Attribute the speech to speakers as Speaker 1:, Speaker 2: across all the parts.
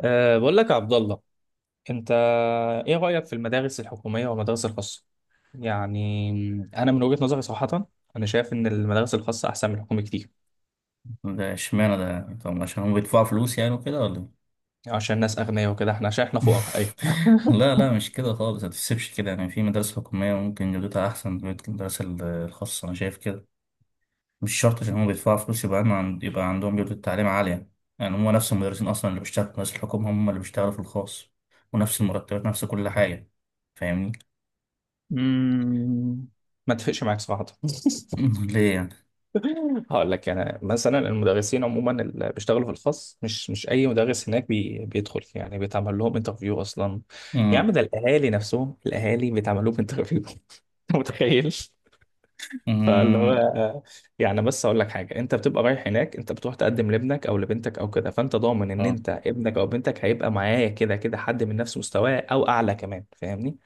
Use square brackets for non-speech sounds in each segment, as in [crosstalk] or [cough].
Speaker 1: بقول لك يا عبد الله، انت ايه رأيك في المدارس الحكومية والمدارس الخاصة؟ يعني انا من وجهة نظري صراحة انا شايف ان المدارس الخاصة احسن من الحكومة كتير.
Speaker 2: ده اشمعنى ده طب عشان هم بيدفعوا فلوس يعني وكده ولا إيه؟
Speaker 1: عشان الناس اغنياء وكده احنا عشان احنا فقراء. ايوه.
Speaker 2: [laughs] لا لا مش كده خالص ما تحسبش كده يعني في مدارس حكومية ممكن جودتها أحسن من المدارس الخاصة أنا شايف كده. مش شرط عشان هم بيدفعوا فلوس يبقى عنده عند يبقى عندهم جودة تعليم عالية. يعني هم نفس المدرسين أصلا اللي بيشتغلوا في مدارس الحكومة هم اللي بيشتغلوا في الخاص ونفس المرتبات نفس كل حاجة. فاهمني؟
Speaker 1: أمم، ما اتفقش معاك صراحة. [laughs]
Speaker 2: [laughs] ليه يعني؟
Speaker 1: هقول لك يعني مثلا المدرسين عموما اللي بيشتغلوا في الخاص مش اي مدرس هناك بيدخل، يعني بيتعمل لهم انترفيو اصلا. يا
Speaker 2: أمم.
Speaker 1: عم ده الاهالي نفسهم الاهالي بيتعمل لهم انترفيو. [laughs] انت متخيل؟ فاللي
Speaker 2: أمم.
Speaker 1: هو يعني بس اقول لك حاجه، انت بتبقى رايح هناك، انت بتروح تقدم لابنك او لبنتك او كده، فانت ضامن ان
Speaker 2: آه،
Speaker 1: انت ابنك او بنتك هيبقى معايا كده كده حد من نفس مستواه او اعلى كمان. فاهمني؟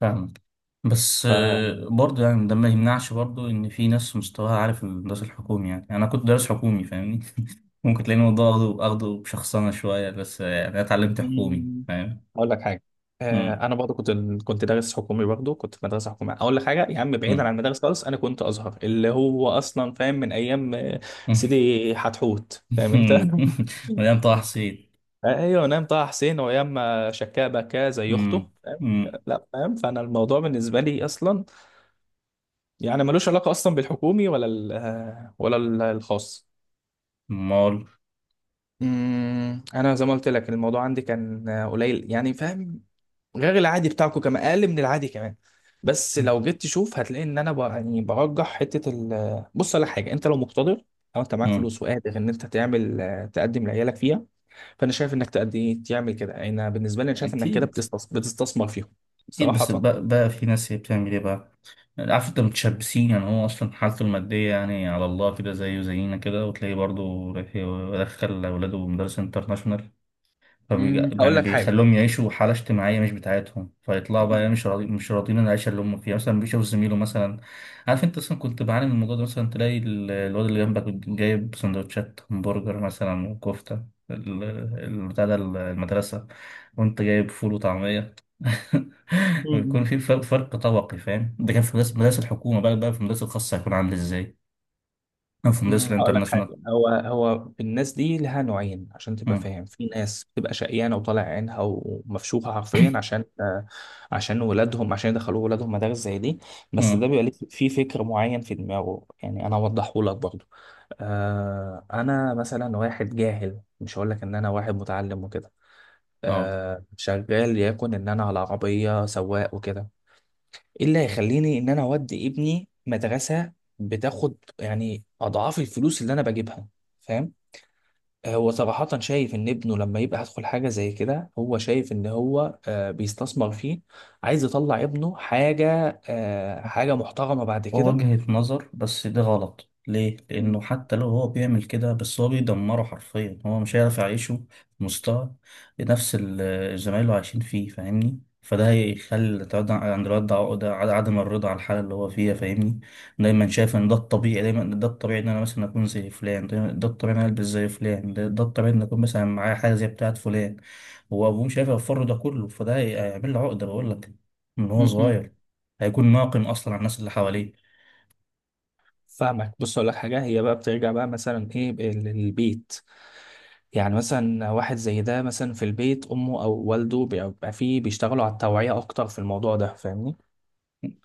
Speaker 2: فاهمك. بس
Speaker 1: ف
Speaker 2: برضه يعني ده ما يمنعش برضه ان في ناس مستواها عالي في الدراسة الحكومي يعني انا كنت دارس حكومي فاهمني. [laughs] ممكن تلاقي الموضوع اخده بشخصنة شوية. بس يعني انا اتعلمت حكومي
Speaker 1: مم،
Speaker 2: فاهم.
Speaker 1: اقول لك حاجه.
Speaker 2: مم.
Speaker 1: انا برضه كنت دارس حكومي برضه، كنت في مدرسه حكوميه. اقول لك حاجه يا عم، بعيدا
Speaker 2: مم.
Speaker 1: عن المدارس خالص، انا كنت ازهر، اللي هو اصلا فاهم من ايام سيدي حتحوت. فاهم انت؟ [laughs]
Speaker 2: مم. [laughs] مليان طه حسين.
Speaker 1: ايوه، نام طه حسين وايام ما شكاه بكاه زي اخته.
Speaker 2: مم.
Speaker 1: فاهم؟
Speaker 2: مم.
Speaker 1: لا فاهم، فانا الموضوع بالنسبه لي اصلا يعني ملوش علاقه اصلا بالحكومي ولا الخاص.
Speaker 2: مال.
Speaker 1: انا زي ما قلت لك الموضوع عندي كان قليل يعني، فاهم؟ غير العادي بتاعكم كمان، اقل من العادي كمان. بس لو جيت تشوف هتلاقي ان انا يعني برجح حته بص، على حاجه، انت لو مقتدر او انت معاك
Speaker 2: مم.
Speaker 1: فلوس وقادر ان انت تعمل تقدم لعيالك فيها. فانا شايف انك تقدم، ايه تعمل كده، انا بالنسبه لي انا شايف انك كده
Speaker 2: اكيد.
Speaker 1: بتستثمر، بتستثمر فيهم.
Speaker 2: أكيد بس
Speaker 1: صراحه.
Speaker 2: بقى في ناس هي بتعمل إيه بقى؟ عارف أنت متشبسين، يعني هو أصلا حالته المادية يعني على الله كده زيه زينا كده، وتلاقيه برضه رايح يدخل أولاده مدارس انترناشونال.
Speaker 1: مم. هقول
Speaker 2: يعني
Speaker 1: لك حاجه.
Speaker 2: بيخلوهم يعيشوا حالة اجتماعية مش بتاعتهم، فيطلعوا بقى
Speaker 1: مم.
Speaker 2: مش راضيين عن العيشة اللي هم فيها. مثلا بيشوف زميله، مثلا عارف انت اصلا كنت بعاني من الموضوع ده، مثلا تلاقي الواد اللي جنبك جايب سندوتشات همبرجر مثلا وكفتة ال- بتاع ده المدرسة، وانت جايب فول وطعمية. [laughs] بيكون
Speaker 1: مم.
Speaker 2: في فرق طبقي فاهم. ده كان في مدرسة الحكومة، بقى في المدرسة الخاصة هيكون عامل ازاي؟ أو في مدرسة
Speaker 1: مم. هقول لك
Speaker 2: الانترناشونال.
Speaker 1: حاجه، هو هو الناس دي لها نوعين عشان تبقى
Speaker 2: مم.
Speaker 1: فاهم. في ناس بتبقى شقيانه وطالع عينها ومفشوخه حرفيا عشان عشان ولادهم، عشان يدخلوا ولادهم مدارس زي دي. بس ده
Speaker 2: مم.
Speaker 1: بيبقى ليه في فكر معين في دماغه، يعني انا اوضحه لك برضه. انا مثلا واحد جاهل، مش هقول لك ان انا واحد متعلم وكده.
Speaker 2: اه
Speaker 1: شغال، يكون ان انا على عربيه سواق وكده. ايه اللي هيخليني ان انا اودي ابني مدرسه بتاخد يعني اضعاف الفلوس اللي انا بجيبها؟ فاهم؟ هو صراحة شايف إن ابنه لما يبقى هيدخل حاجة زي كده، هو شايف إن هو بيستثمر فيه. عايز يطلع ابنه حاجة حاجة محترمة بعد كده.
Speaker 2: وجهة نظر، بس ده غلط ليه؟ لأنه
Speaker 1: مم.
Speaker 2: حتى لو هو بيعمل كده، بس هو بيدمره حرفيا، هو مش هيعرف يعيشه في مستوى نفس زمايله عايشين فيه. فاهمني؟ فده هيخلي تقعد عند الواد عقدة عدم الرضا على الحالة اللي هو فيها. فاهمني؟ دايما شايف إن ده الطبيعي، دايما ده الطبيعي إن أنا مثلا أكون زي فلان، دايما ده الطبيعي إن أنا ألبس زي فلان، ده الطبيعي إن أكون مثلا معايا حاجة زي بتاعة فلان. هو أبوه مش عارف يوفر له ده كله، فده هيعمل له عقدة بقول لك، من هو
Speaker 1: م- م-
Speaker 2: صغير هيكون ناقم أصلا على الناس اللي حواليه.
Speaker 1: فاهمك، بص أقول لك حاجة. هي بقى بترجع بقى مثلا إيه للبيت. يعني مثلا واحد زي ده مثلا في البيت امه او والده بيبقى فيه بيشتغلوا على التوعية اكتر في الموضوع ده. فاهمني؟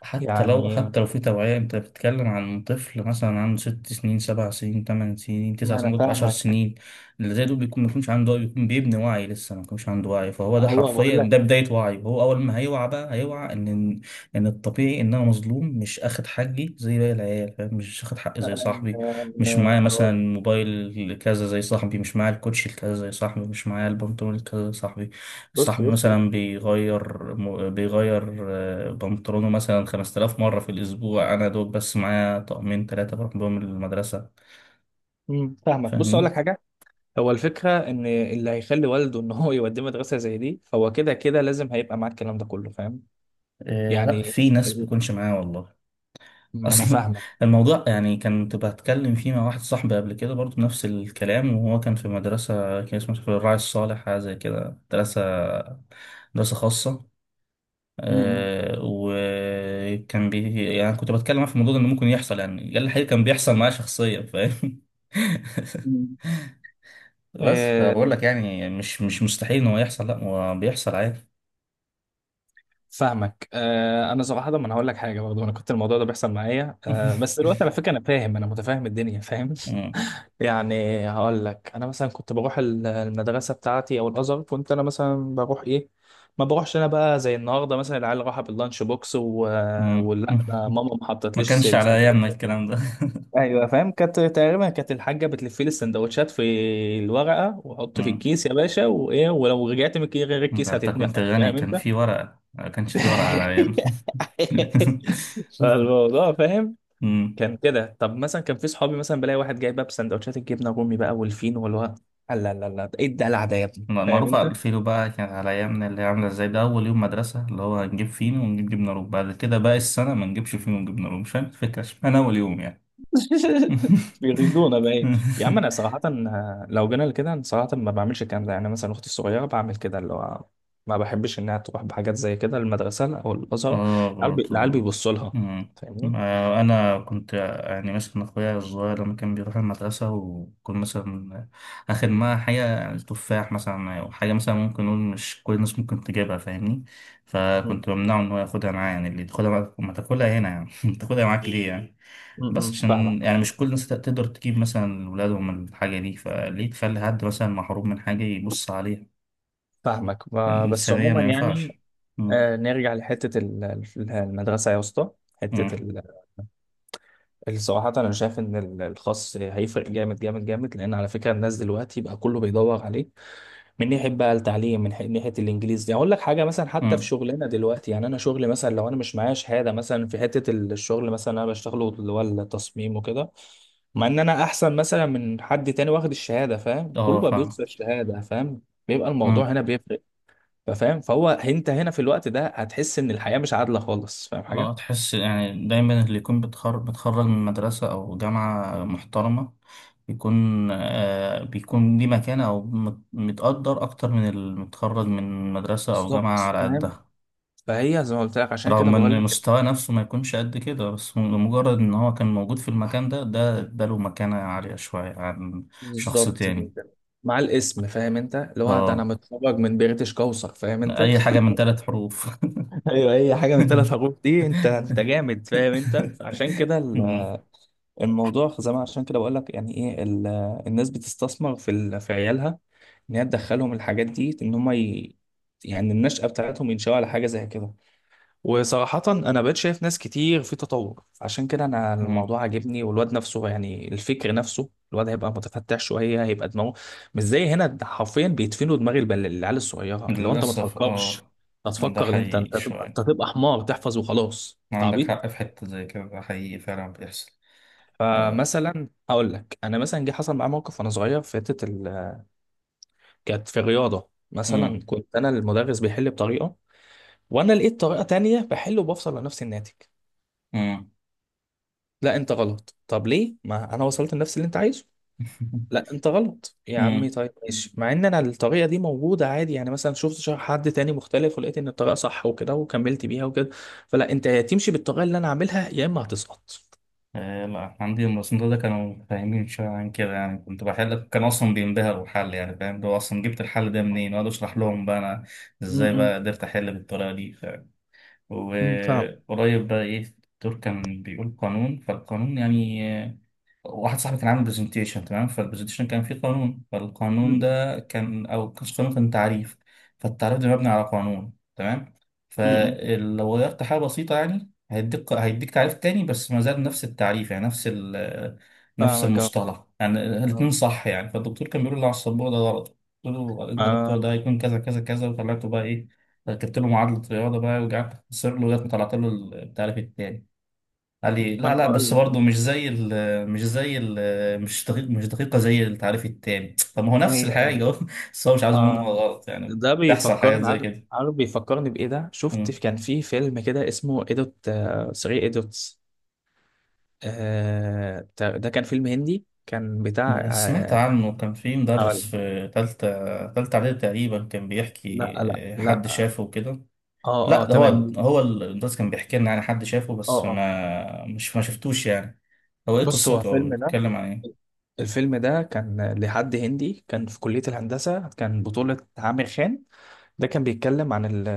Speaker 1: يعني
Speaker 2: حتى لو في توعية، انت بتتكلم عن طفل مثلا عنده 6 سنين، 7 سنين، 8 سنين، تسع
Speaker 1: ما انا
Speaker 2: سنين ممكن عشر
Speaker 1: فاهمك.
Speaker 2: سنين اللي زي دول بيكون ما بيكونش عنده بيكون بيبني وعي، لسه ما بيكونش عنده وعي، فهو ده
Speaker 1: هو بقول
Speaker 2: حرفيا
Speaker 1: لك
Speaker 2: ده بداية وعي، وهو أول ما هيوعى بقى هيوعى إن الطبيعي إن أنا مظلوم، مش آخد حقي زي باقي العيال فاهم. مش آخد حقي زي صاحبي، مش معايا
Speaker 1: آه،
Speaker 2: مثلا
Speaker 1: هقول-
Speaker 2: موبايل كذا زي صاحبي، مش معايا الكوتشي الكذا زي صاحبي، مش معايا البنطلون الكذا زي صاحبي.
Speaker 1: بص
Speaker 2: صاحبي
Speaker 1: بص
Speaker 2: مثلا
Speaker 1: بص.
Speaker 2: بيغير بيغير بنطلونه مثلا 5000 مرة في الأسبوع، أنا دوب بس معايا طقمين تلاتة بروح بيهم المدرسة.
Speaker 1: فاهمك، بص اقول
Speaker 2: فاهمني؟
Speaker 1: لك حاجه. هو الفكره ان اللي هيخلي والده ان هو يوديه مدرسه زي دي، فهو كده كده لازم هيبقى معاه الكلام ده كله. فاهم؟
Speaker 2: آه لأ
Speaker 1: يعني
Speaker 2: في ناس
Speaker 1: ال-
Speaker 2: بيكونش معايا والله. [laughs]
Speaker 1: ما انا
Speaker 2: أصلا
Speaker 1: فاهمك.
Speaker 2: الموضوع، يعني كنت بتكلم فيه مع واحد صاحبي قبل كده برضه نفس الكلام، وهو كان في مدرسة كان اسمها في الراعي الصالح حاجة زي كده، مدرسة خاصة.
Speaker 1: امم مم.
Speaker 2: وكان يعني كنت بتكلم في الموضوع ده انه ممكن يحصل، يعني قال لي الحقيقة كان بيحصل معايا شخصيا فاهم. [laughs]
Speaker 1: مم.
Speaker 2: بس فبقول
Speaker 1: آه،
Speaker 2: لك يعني مش مستحيل ان هو يحصل، لا هو بيحصل عادي.
Speaker 1: فاهمك. انا صراحه ما انا هقول لك حاجه برضه. انا كنت الموضوع ده بيحصل معايا. بس دلوقتي على
Speaker 2: [laughs]
Speaker 1: فكره انا فاهم، انا متفاهم الدنيا. فاهم؟
Speaker 2: مم.
Speaker 1: [laughs] يعني هقول لك انا مثلا كنت بروح المدرسه بتاعتي او الازهر. كنت انا مثلا بروح ايه، ما بروحش انا بقى زي النهارده مثلا العيال راحه باللانش بوكس و...
Speaker 2: مم.
Speaker 1: ولا ده
Speaker 2: [laughs]
Speaker 1: ماما ما
Speaker 2: ما
Speaker 1: حطتليش
Speaker 2: كانش على ايامنا
Speaker 1: السندوتشات.
Speaker 2: الكلام ده.
Speaker 1: ايوه فاهم. كانت تقريبا كانت الحاجه بتلف لي السندوتشات في الورقه
Speaker 2: [laughs]
Speaker 1: وحط في
Speaker 2: مم.
Speaker 1: الكيس يا باشا، وايه ولو رجعت من غير
Speaker 2: ده
Speaker 1: الكيس
Speaker 2: انت كنت
Speaker 1: هتتنفخ.
Speaker 2: غني،
Speaker 1: فاهم
Speaker 2: كان
Speaker 1: انت؟
Speaker 2: في ورقة. ما كانش في ورقة على ايامي.
Speaker 1: [laughs] فالموضوع فاهم
Speaker 2: [laughs]
Speaker 1: كان كده. طب مثلا كان في صحابي مثلا بلاقي واحد جاي بقى بسندوتشات الجبنه الرومي بقى والفينو واللي هو لا لا لا ايه الدلع ده يا ابني. فاهم
Speaker 2: معروف
Speaker 1: انت؟
Speaker 2: على الفينو بقى، كانت على أيامنا اللي هي عاملة ازاي ده؟ أول يوم مدرسة اللي هو هنجيب فينو ونجيب جبنة روب، بعد كده بقى السنة ما نجيبش فينو ونجيب جبنة روب، مش فاهم الفكرة اشمعنى أول يوم يعني.
Speaker 1: [laughs] بيغيظونا بقى ايه. يا عم انا
Speaker 2: [laughs]
Speaker 1: صراحه لو جينا لكده انا صراحه ما بعملش الكلام ده. يعني مثلا اختي الصغيره بعمل كده اللي هو ما بحبش انها تروح بحاجات زي كده المدرسه او الازهر.
Speaker 2: اه
Speaker 1: العيال
Speaker 2: برضو.
Speaker 1: العيال بيبصوا لها.
Speaker 2: مم.
Speaker 1: فاهمني؟
Speaker 2: آه، أنا كنت، يعني مثلا أخويا الصغير لما كان بيروح المدرسة وكنت مثلا آخد معاه حاجة يعني تفاح مثلا أو حاجة مثلا، ممكن نقول مش كل الناس ممكن تجيبها فاهمني. فكنت
Speaker 1: م-
Speaker 2: بمنعه إن هو ياخدها معاه، يعني اللي تاخدها معاك ما تاكلها هنا يعني، [laughs] تاخدها معاك ليه يعني؟
Speaker 1: م-
Speaker 2: بس
Speaker 1: م.
Speaker 2: عشان
Speaker 1: فاهمك.
Speaker 2: يعني مش كل الناس تقدر تجيب مثلا ولادهم من الحاجة دي، فليه تخلي حد مثلا محروم من حاجة يبص عليها؟
Speaker 1: فاهمك ما- بس
Speaker 2: إنسانيا
Speaker 1: عموما
Speaker 2: ما
Speaker 1: يعني
Speaker 2: ينفعش. مم.
Speaker 1: نرجع لحته المدرسه يا اسطى.
Speaker 2: مم.
Speaker 1: حته ال- الصراحة أنا شايف إن الخاص هيفرق جامد جامد جامد، لأن على فكرة الناس دلوقتي بقى كله بيدور عليه. من ناحية بقى التعليم من ناحية الإنجليزي. يعني أقول لك حاجة مثلا، حتى في
Speaker 2: مم.
Speaker 1: شغلنا دلوقتي، يعني أنا شغلي مثلا لو أنا مش معايا شهادة مثلا في حتة الشغل مثلا أنا بشتغله، اللي هو التصميم وكده، مع إن أنا أحسن مثلا من حد تاني واخد الشهادة. فاهم؟ كله
Speaker 2: اه
Speaker 1: بقى
Speaker 2: فاهم.
Speaker 1: بيوصل الشهادة. فاهم؟ بيبقى الموضوع
Speaker 2: مم.
Speaker 1: هنا بيفرق. فاهم؟ فهو أنت هنا في الوقت ده هتحس إن الحياة مش عادلة خالص. فاهم
Speaker 2: اه
Speaker 1: حاجة؟
Speaker 2: تحس يعني دايما اللي يكون بتخرج من مدرسة أو جامعة محترمة بيكون، ليه مكانة، أو متقدر أكتر من اللي متخرج من مدرسة أو جامعة
Speaker 1: بالظبط،
Speaker 2: على
Speaker 1: فاهم.
Speaker 2: قدها.
Speaker 1: فهي زي ما قلت لك، عشان كده
Speaker 2: رغم
Speaker 1: بقول
Speaker 2: ان
Speaker 1: لك.
Speaker 2: مستواه نفسه ما يكونش قد كده، بس مجرد ان هو كان موجود في المكان ده، ده اداله مكانة عالية شوية عن شخص
Speaker 1: بالظبط
Speaker 2: تاني.
Speaker 1: كده. مع الاسم، فاهم انت اللي هو ده انا
Speaker 2: اه،
Speaker 1: متخرج من بريتش كوثر. فاهم انت؟
Speaker 2: اي
Speaker 1: [laughs]
Speaker 2: حاجة من 3 حروف.
Speaker 1: ايوه اي حاجه من الثلاث
Speaker 2: [laughs]
Speaker 1: حروف دي انت انت جامد. فاهم انت؟ عشان كده
Speaker 2: مم.
Speaker 1: الموضوع زي ما عشان كده بقول لك يعني ايه الناس بتستثمر في في عيالها ان هي تدخلهم الحاجات دي ان هم ي... يعني النشأة بتاعتهم ينشأوا على حاجه زي كده. وصراحة أنا بقيت شايف ناس كتير في تطور، عشان كده أنا
Speaker 2: مم.
Speaker 1: الموضوع عاجبني. والواد نفسه يعني الفكر نفسه الواد هيبقى متفتح شوية، هيبقى دماغه مش زي هنا. ده حرفيا بيدفنوا دماغ العيال الصغيرة، اللي هو أنت ما
Speaker 2: للأسف
Speaker 1: تفكرش،
Speaker 2: اه.
Speaker 1: أنت
Speaker 2: ده
Speaker 1: تفكر اللي أنت
Speaker 2: حقيقي
Speaker 1: أنت تبقى أنت
Speaker 2: شوية،
Speaker 1: تبقى حمار تحفظ وخلاص. أنت
Speaker 2: عندك
Speaker 1: عبيط.
Speaker 2: حق. في حتة زي كده ده حقيقي فعلا بيحصل. آه.
Speaker 1: فمثلا هقول لك، أنا مثلا جه حصل معايا موقف وأنا صغير في حتة ال... كانت في الرياضة مثلا،
Speaker 2: مم.
Speaker 1: كنت أنا المدرس بيحل بطريقة وأنا لقيت طريقة تانية بحل وبفصل لنفس الناتج.
Speaker 2: مم.
Speaker 1: لا انت غلط. طب ليه، ما انا وصلت لنفس اللي انت عايزه.
Speaker 2: [laughs]
Speaker 1: لا انت غلط يا عمي.
Speaker 2: مم.
Speaker 1: طيب ماشي. مع ان انا الطريقه دي موجوده عادي، يعني مثلا شفت حد تاني مختلف ولقيت ان الطريقه صح وكده وكملت بيها وكده. فلا انت يا تمشي بالطريقه اللي انا عاملها يا اما هتسقط.
Speaker 2: آه، لا عندي المصنف ده كانوا فاهمين شوية عن كده يعني، كنت بحل كان أصلا بينبهروا بالحل يعني فاهم؟ هو أصلا جبت الحل ده منين؟ وأقعد أشرح لهم بقى أنا إزاي
Speaker 1: م-
Speaker 2: بقى قدرت أحل بالطريقة دي،
Speaker 1: فاهم.
Speaker 2: وقريب بقى إيه، الدكتور كان بيقول قانون، فالقانون يعني واحد صاحبي كان عامل برزنتيشن تمام، فالبرزنتيشن كان فيه قانون، فالقانون
Speaker 1: م-
Speaker 2: ده كان او كانش قانون، كان تعريف، فالتعريف ده مبني على قانون تمام.
Speaker 1: م- م-
Speaker 2: فلو غيرت حاجة بسيطة يعني هيديك تعريف تاني، بس ما زال نفس التعريف، يعني نفس
Speaker 1: فاهمك. اه
Speaker 2: المصطلح يعني، الاتنين
Speaker 1: آه.
Speaker 2: صح يعني. فالدكتور كان بيقول لي على السبورة ده غلط. قلت له انت يا دكتور
Speaker 1: آه
Speaker 2: ده هيكون كذا كذا كذا، وطلعته بقى ايه، ركبت له معادلة رياضة بقى وقعدت اخسر له لغاية ما طلعت له التعريف التاني. علي
Speaker 1: انا
Speaker 2: لا لا،
Speaker 1: بقول
Speaker 2: بس برضه
Speaker 1: لك.
Speaker 2: مش زي ال مش زي ال مش دقيق مش دقيقة زي التعريف التاني، طب ما هو
Speaker 1: اي
Speaker 2: نفس
Speaker 1: اي.
Speaker 2: الحاجة. [laughs] بس هو مش عايز منه
Speaker 1: آه
Speaker 2: غلط، يعني
Speaker 1: ده
Speaker 2: تحصل حاجات
Speaker 1: بيفكرني.
Speaker 2: زي
Speaker 1: عارف
Speaker 2: كده.
Speaker 1: عارف بيفكرني بايه، ده شفت
Speaker 2: مم.
Speaker 1: كان في فيلم كده اسمه ايدوت 3 ايدوتس. ده كان فيلم هندي، كان بتاع
Speaker 2: سمعت عنه، كان في مدرس
Speaker 1: هقول-
Speaker 2: في تالتة إعدادي تقريبا كان
Speaker 1: لا
Speaker 2: بيحكي،
Speaker 1: لا
Speaker 2: حد
Speaker 1: لا.
Speaker 2: شافه وكده.
Speaker 1: اه
Speaker 2: لا
Speaker 1: اه
Speaker 2: ده هو،
Speaker 1: تمام.
Speaker 2: هو المدرس كان بيحكي لنا يعني، حد شافه
Speaker 1: اه
Speaker 2: بس
Speaker 1: اه،
Speaker 2: ما شفتوش يعني. هو ايه
Speaker 1: بص هو
Speaker 2: قصته؟ هو
Speaker 1: الفيلم ده.
Speaker 2: بيتكلم عن ايه؟
Speaker 1: الفيلم ده كان لحد هندي كان في كلية الهندسة، كان بطولة عامر خان. ده كان بيتكلم عن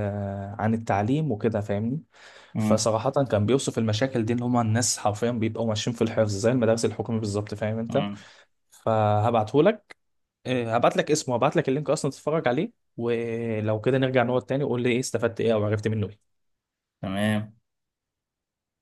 Speaker 1: عن التعليم وكده. فاهمني؟
Speaker 2: مم.
Speaker 1: فصراحة كان بيوصف المشاكل دي اللي هما الناس حرفيا بيبقوا ماشيين في الحفظ زي المدارس الحكومية بالظبط. فاهم انت؟
Speaker 2: مم.
Speaker 1: فهبعتهولك. إيه، هبعت لك اسمه، هبعت لك اللينك اصلا تتفرج عليه. ولو كده نرجع نقعد تاني وقول لي ايه استفدت، ايه او عرفت منه ايه.
Speaker 2: تمام.